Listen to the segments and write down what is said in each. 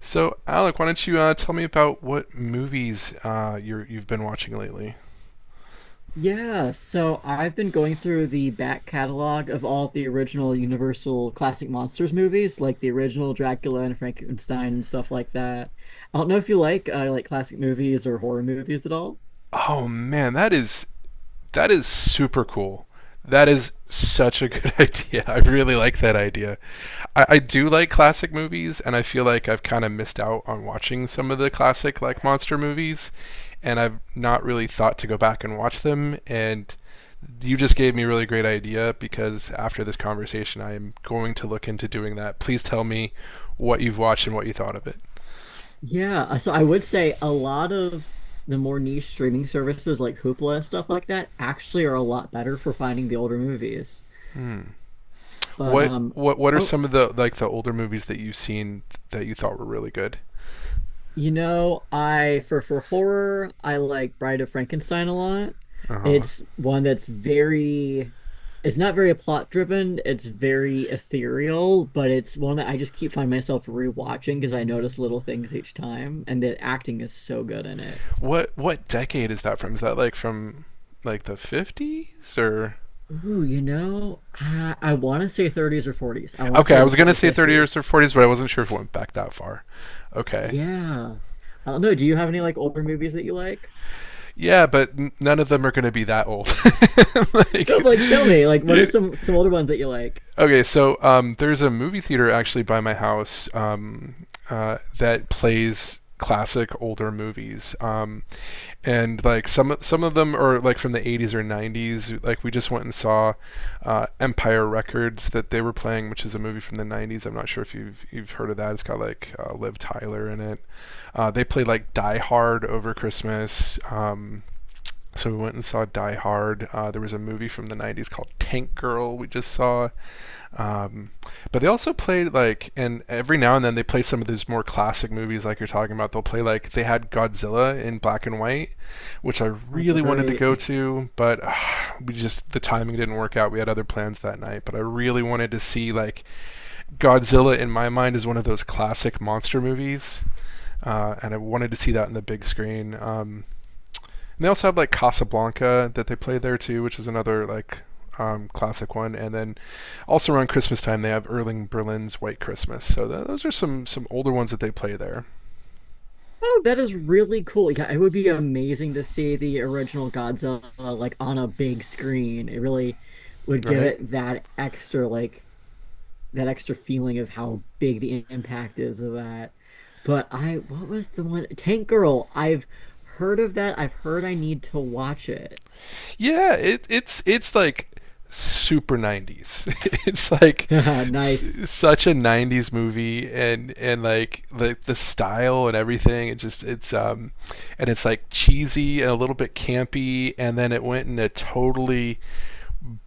So, Alec, why don't you tell me about what movies you've been watching lately? Yeah, so I've been going through the back catalog of all the original Universal Classic Monsters movies, like the original Dracula and Frankenstein and stuff like that. I don't know if you like classic movies or horror movies at all. Oh man, that is super cool. That is such a good idea. I really like that idea. I do like classic movies, and I feel like I've kind of missed out on watching some of the classic like monster movies, and I've not really thought to go back and watch them. And you just gave me a really great idea because after this conversation, I am going to look into doing that. Please tell me what you've watched and what you thought of it. Yeah, so I would say a lot of the more niche streaming services like Hoopla and stuff like that actually are a lot better for finding the older movies. Hmm. But What um, what what are oh, some of the like the older movies that you've seen that you thought were really good? You know, I for horror, I like Bride of Frankenstein a lot. Uh huh. It's one that's very it's not very plot driven, it's very ethereal, but it's one that I just keep finding myself rewatching because I notice little things each time and the acting is so good in it. What decade is that from? Is that like from like the 50s or You know, I want to say 30s or 40s. I want to okay, say I was going before to the say 30 years or 50s. 40s, but I wasn't sure if it went back that far. Okay. Yeah. I don't know. Do you have any like older movies that you like? Yeah, but none of them are going to be that old. like No, but, like tell you, me, like what are some older ones that you like? Okay, so there's a movie theater actually by my house, that plays classic older movies, and like some of them are like from the 80s or 90s. Like we just went and saw Empire Records that they were playing, which is a movie from the 90s. I'm not sure if you've heard of that. It's got like Liv Tyler in it. They played like Die Hard over Christmas. So we went and saw Die Hard. There was a movie from the 90s called Tank Girl we just saw. Um, but they also played like, and every now and then they play some of those more classic movies like you're talking about. They'll play like, they had Godzilla in black and white, which I Oh, really wanted to great. go to, but the timing didn't work out. We had other plans that night, but I really wanted to see like Godzilla in my mind is one of those classic monster movies. And I wanted to see that in the big screen. And they also have like Casablanca that they play there too, which is another like classic one. And then also around Christmas time, they have Erling Berlin's White Christmas. So those are some older ones that they play there, Oh, that is really cool. Yeah, it would be amazing to see the original Godzilla like on a big screen. It really would give right? it that extra like that extra feeling of how big the impact is of that. But I, what was the one? Tank Girl. I've heard of that. I've heard I need to watch it. Yeah, it's like super 90s, it's like Nice. such a 90s movie, and like the style and everything, it just it's um, and it's like cheesy and a little bit campy, and then it went in a totally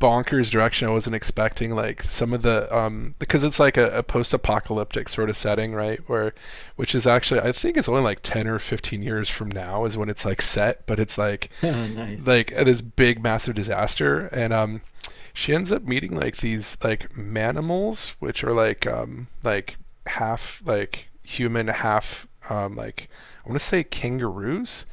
bonkers direction I wasn't expecting. Like some of the because it's like a post-apocalyptic sort of setting, right? Where, which is actually I think it's only like 10 or 15 years from now is when it's like set, but it's like Nice. This big massive disaster, and she ends up meeting like these like manimals, which are like half like human, half like I want to say kangaroos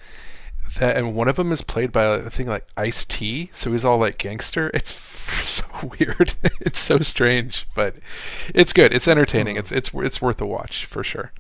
that, and one of them is played by a thing like Ice T, so he's all like gangster. It's so weird. it's so strange, but it's good. It's entertaining. Oh. It's worth a watch for sure.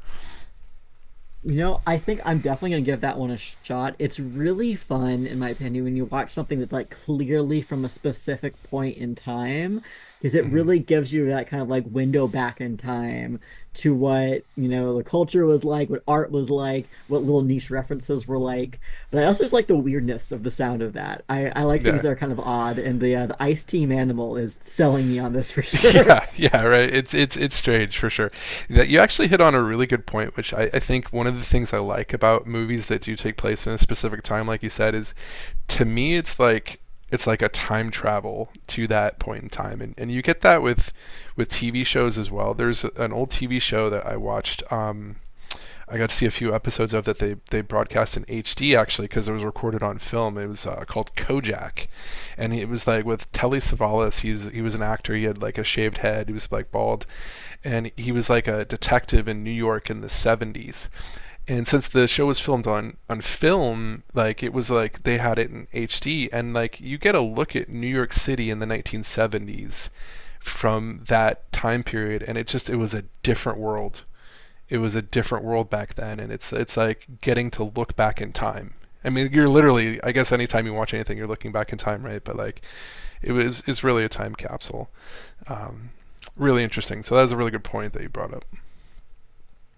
You know, I think I'm definitely going to give that one a shot. It's really fun, in my opinion, when you watch something that's like clearly from a specific point in time, because it really gives you that kind of like window back in time to what, you know, the culture was like, what art was like, what little niche references were like. But I also just like the weirdness of the sound of that. I like things Yeah. that are kind of odd, and the Ice Team Animal is selling me on this for sure. Yeah, yeah, right. It's strange for sure. That you actually hit on a really good point, which I think one of the things I like about movies that do take place in a specific time, like you said, is to me it's like a time travel to that point in time, and you get that with TV shows as well. There's an old TV show that I watched, I got to see a few episodes of that. They they, broadcast in HD, actually, because it was recorded on film. It was called Kojak, and it was like with Telly Savalas. He was an actor. He had like a shaved head. He was like bald, and he was like a detective in New York in the 70s. And since the show was filmed on film, like it was like they had it in HD, and like you get a look at New York City in the 1970s from that time period, and it just it was a different world. It was a different world back then, and it's like getting to look back in time. I mean, you're literally, I guess, anytime you watch anything, you're looking back in time, right? But like it was, it's really a time capsule. Um, really interesting. So that was a really good point that you brought up.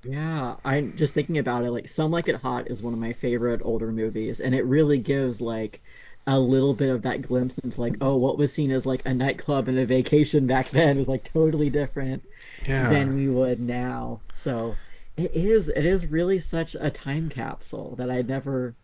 Yeah, I'm just thinking about it. Like, Some Like It Hot is one of my favorite older movies, and it really gives like a little bit of that glimpse into like, oh, what was seen as like a nightclub and a vacation back then was like totally different Yeah. than we would now. So it is really such a time capsule that I never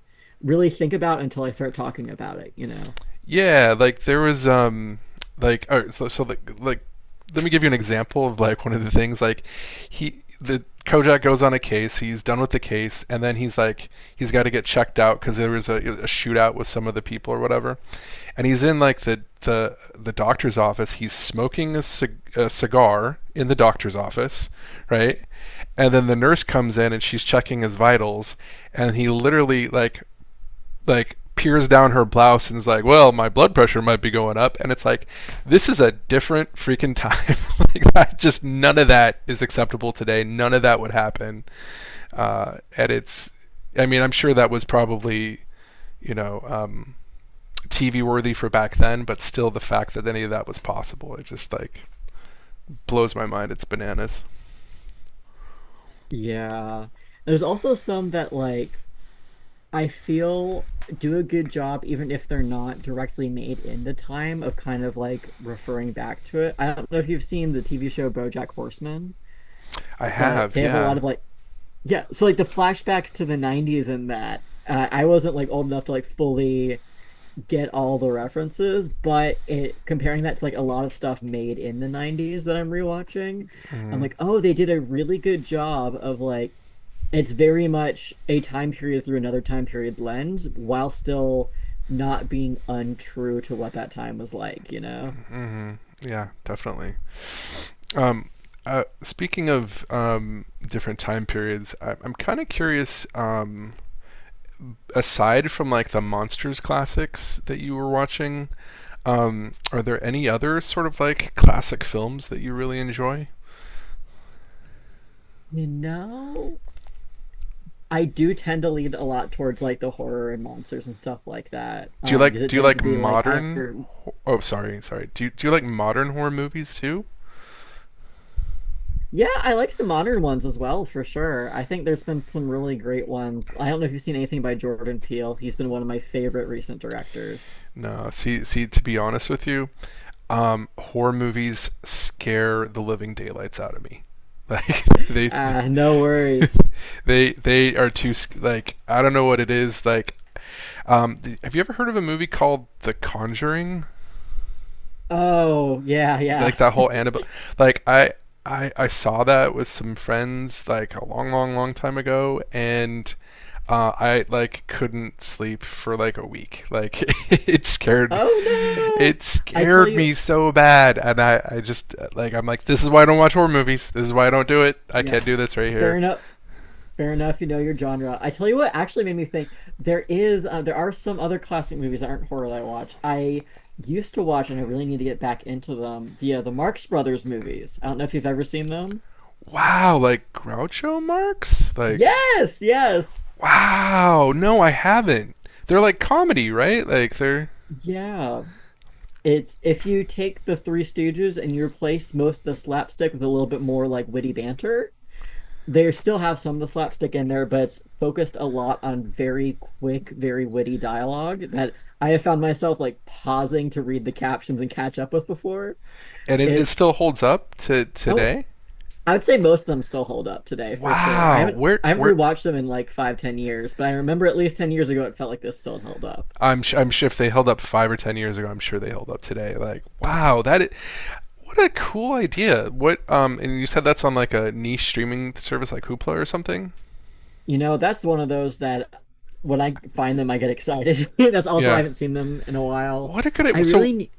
really think about until I start talking about it, you know? Yeah, like there was um, so so like let me give you an example of like one of the things like he, the Kojak goes on a case, he's done with the case, and then he's like he's got to get checked out because there was a shootout with some of the people or whatever, and he's in like the doctor's office. He's smoking a cigar in the doctor's office, right? And then the nurse comes in and she's checking his vitals, and he literally like peers down her blouse and is like, "Well, my blood pressure might be going up," and it's like, this is a different freaking time. Like, that, just none of that is acceptable today. None of that would happen. And it's, I mean, I'm sure that was probably, you know, TV worthy for back then, but still, the fact that any of that was possible, it just like blows my mind. It's bananas. Yeah. There's also some that like I feel do a good job, even if they're not directly made in the time of kind of like referring back to it. I don't know if you've seen the TV show BoJack Horseman, I but have, they have a yeah. lot of like, yeah, so like the flashbacks to the 90s in that. I wasn't like old enough to like fully get all the references, but it comparing that to like a lot of stuff made in the 90s that I'm rewatching, I'm like, oh, they did a really good job of like it's very much a time period through another time period's lens while still not being untrue to what that time was like, you know? Hmm. Yeah, definitely. Um, Speaking of different time periods, I'm kind of curious. Aside from like the monsters classics that you were watching, are there any other sort of like classic films that you really enjoy? You know? I do tend to lean a lot towards like the horror and monsters and stuff like that. Because it Do you tends to like be like I modern? Oh, sorry, sorry. Do you like modern horror movies too? yeah, I like some modern ones as well for sure. I think there's been some really great ones. I don't know if you've seen anything by Jordan Peele. He's been one of my favorite recent directors. No, see, to be honest with you, horror movies scare the living daylights out of me. Like they, Ah, no they, worries. They are too like, I don't know what it is. Like, have you ever heard of a movie called The Conjuring? Oh, yeah, Like yeah. that whole Annabelle. Like I, I saw that with some friends like a long, long, long time ago, and I like couldn't sleep for like a week. Like, it scared, Oh no! it I tell scared you, me so bad, and I just like, I'm like, this is why I don't watch horror movies. This is why I don't do it. I yeah, can't do this right fair here. enough. Fair enough. You know your genre. I tell you what actually made me think there is there are some other classic movies that aren't horror that I watch. I used to watch, and I really need to get back into them. The Marx Brothers movies. I don't know if you've ever seen them. Wow, like Groucho Marx, like Yes, yes. wow. No, I haven't. They're like comedy, right? Like they're, Yeah. It's if you take the Three Stooges and you replace most of the slapstick with a little bit more like witty banter, they still have some of the slapstick in there, but it's focused a lot on very quick, very witty dialogue that I have found myself like pausing to read the captions and catch up with before. and it It's still holds up to oh, today. I would say most of them still hold up today for sure. I Wow, haven't I haven't where rewatched them in like five, 10 years, but I remember at least 10 years ago it felt like this still held up. I'm sure if they held up 5 or 10 years ago, I'm sure they held up today. Like wow, that is, what a cool idea. What and you said that's on like a niche streaming service like Hoopla or something. You know, that's one of those that when I find them I get excited. that's also I Yeah, haven't seen them in a while. what a good I I- so. really ne-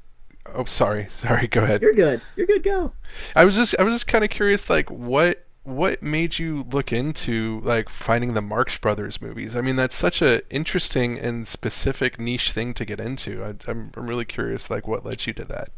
Oh, sorry, sorry. Go ahead. you're good. You're good. Go. I was just kind of curious, like what made you look into like finding the Marx Brothers movies? I mean, that's such a interesting and specific niche thing to get into. I'm really curious, like what led you to that.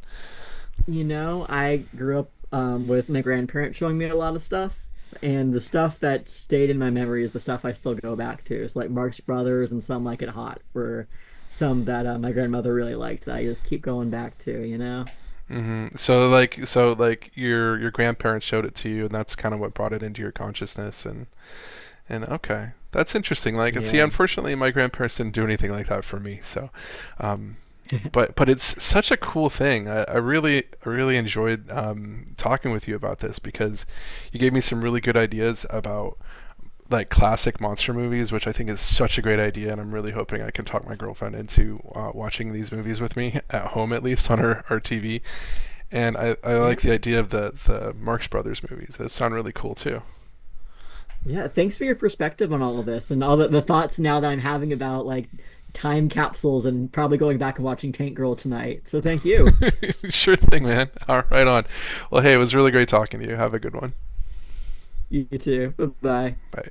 You know, I grew up with my grandparents showing me a lot of stuff, and the stuff that stayed in my memory is the stuff I still go back to. It's like Marx Brothers and Some Like It Hot were some that my grandmother really liked that I just keep going back to, you know? Mm-hmm. So like your grandparents showed it to you, and that's kind of what brought it into your consciousness. And okay, that's interesting. Like see, Yeah. unfortunately, my grandparents didn't do anything like that for me. So, um, but it's such a cool thing. I really enjoyed talking with you about this because you gave me some really good ideas about like classic monster movies, which I think is such a great idea, and I'm really hoping I can talk my girlfriend into watching these movies with me at home, at least on her TV. And I like the Yeah. idea of the Marx Brothers movies. Those sound really cool too. Yeah. Thanks for your perspective on all of this and all the thoughts now that I'm having about like time capsules and probably going back and watching Tank Girl tonight. So thank you. Sure thing, man. All right, right on. Well, hey, it was really great talking to you. Have a good one. You too. Bye-bye. Bye.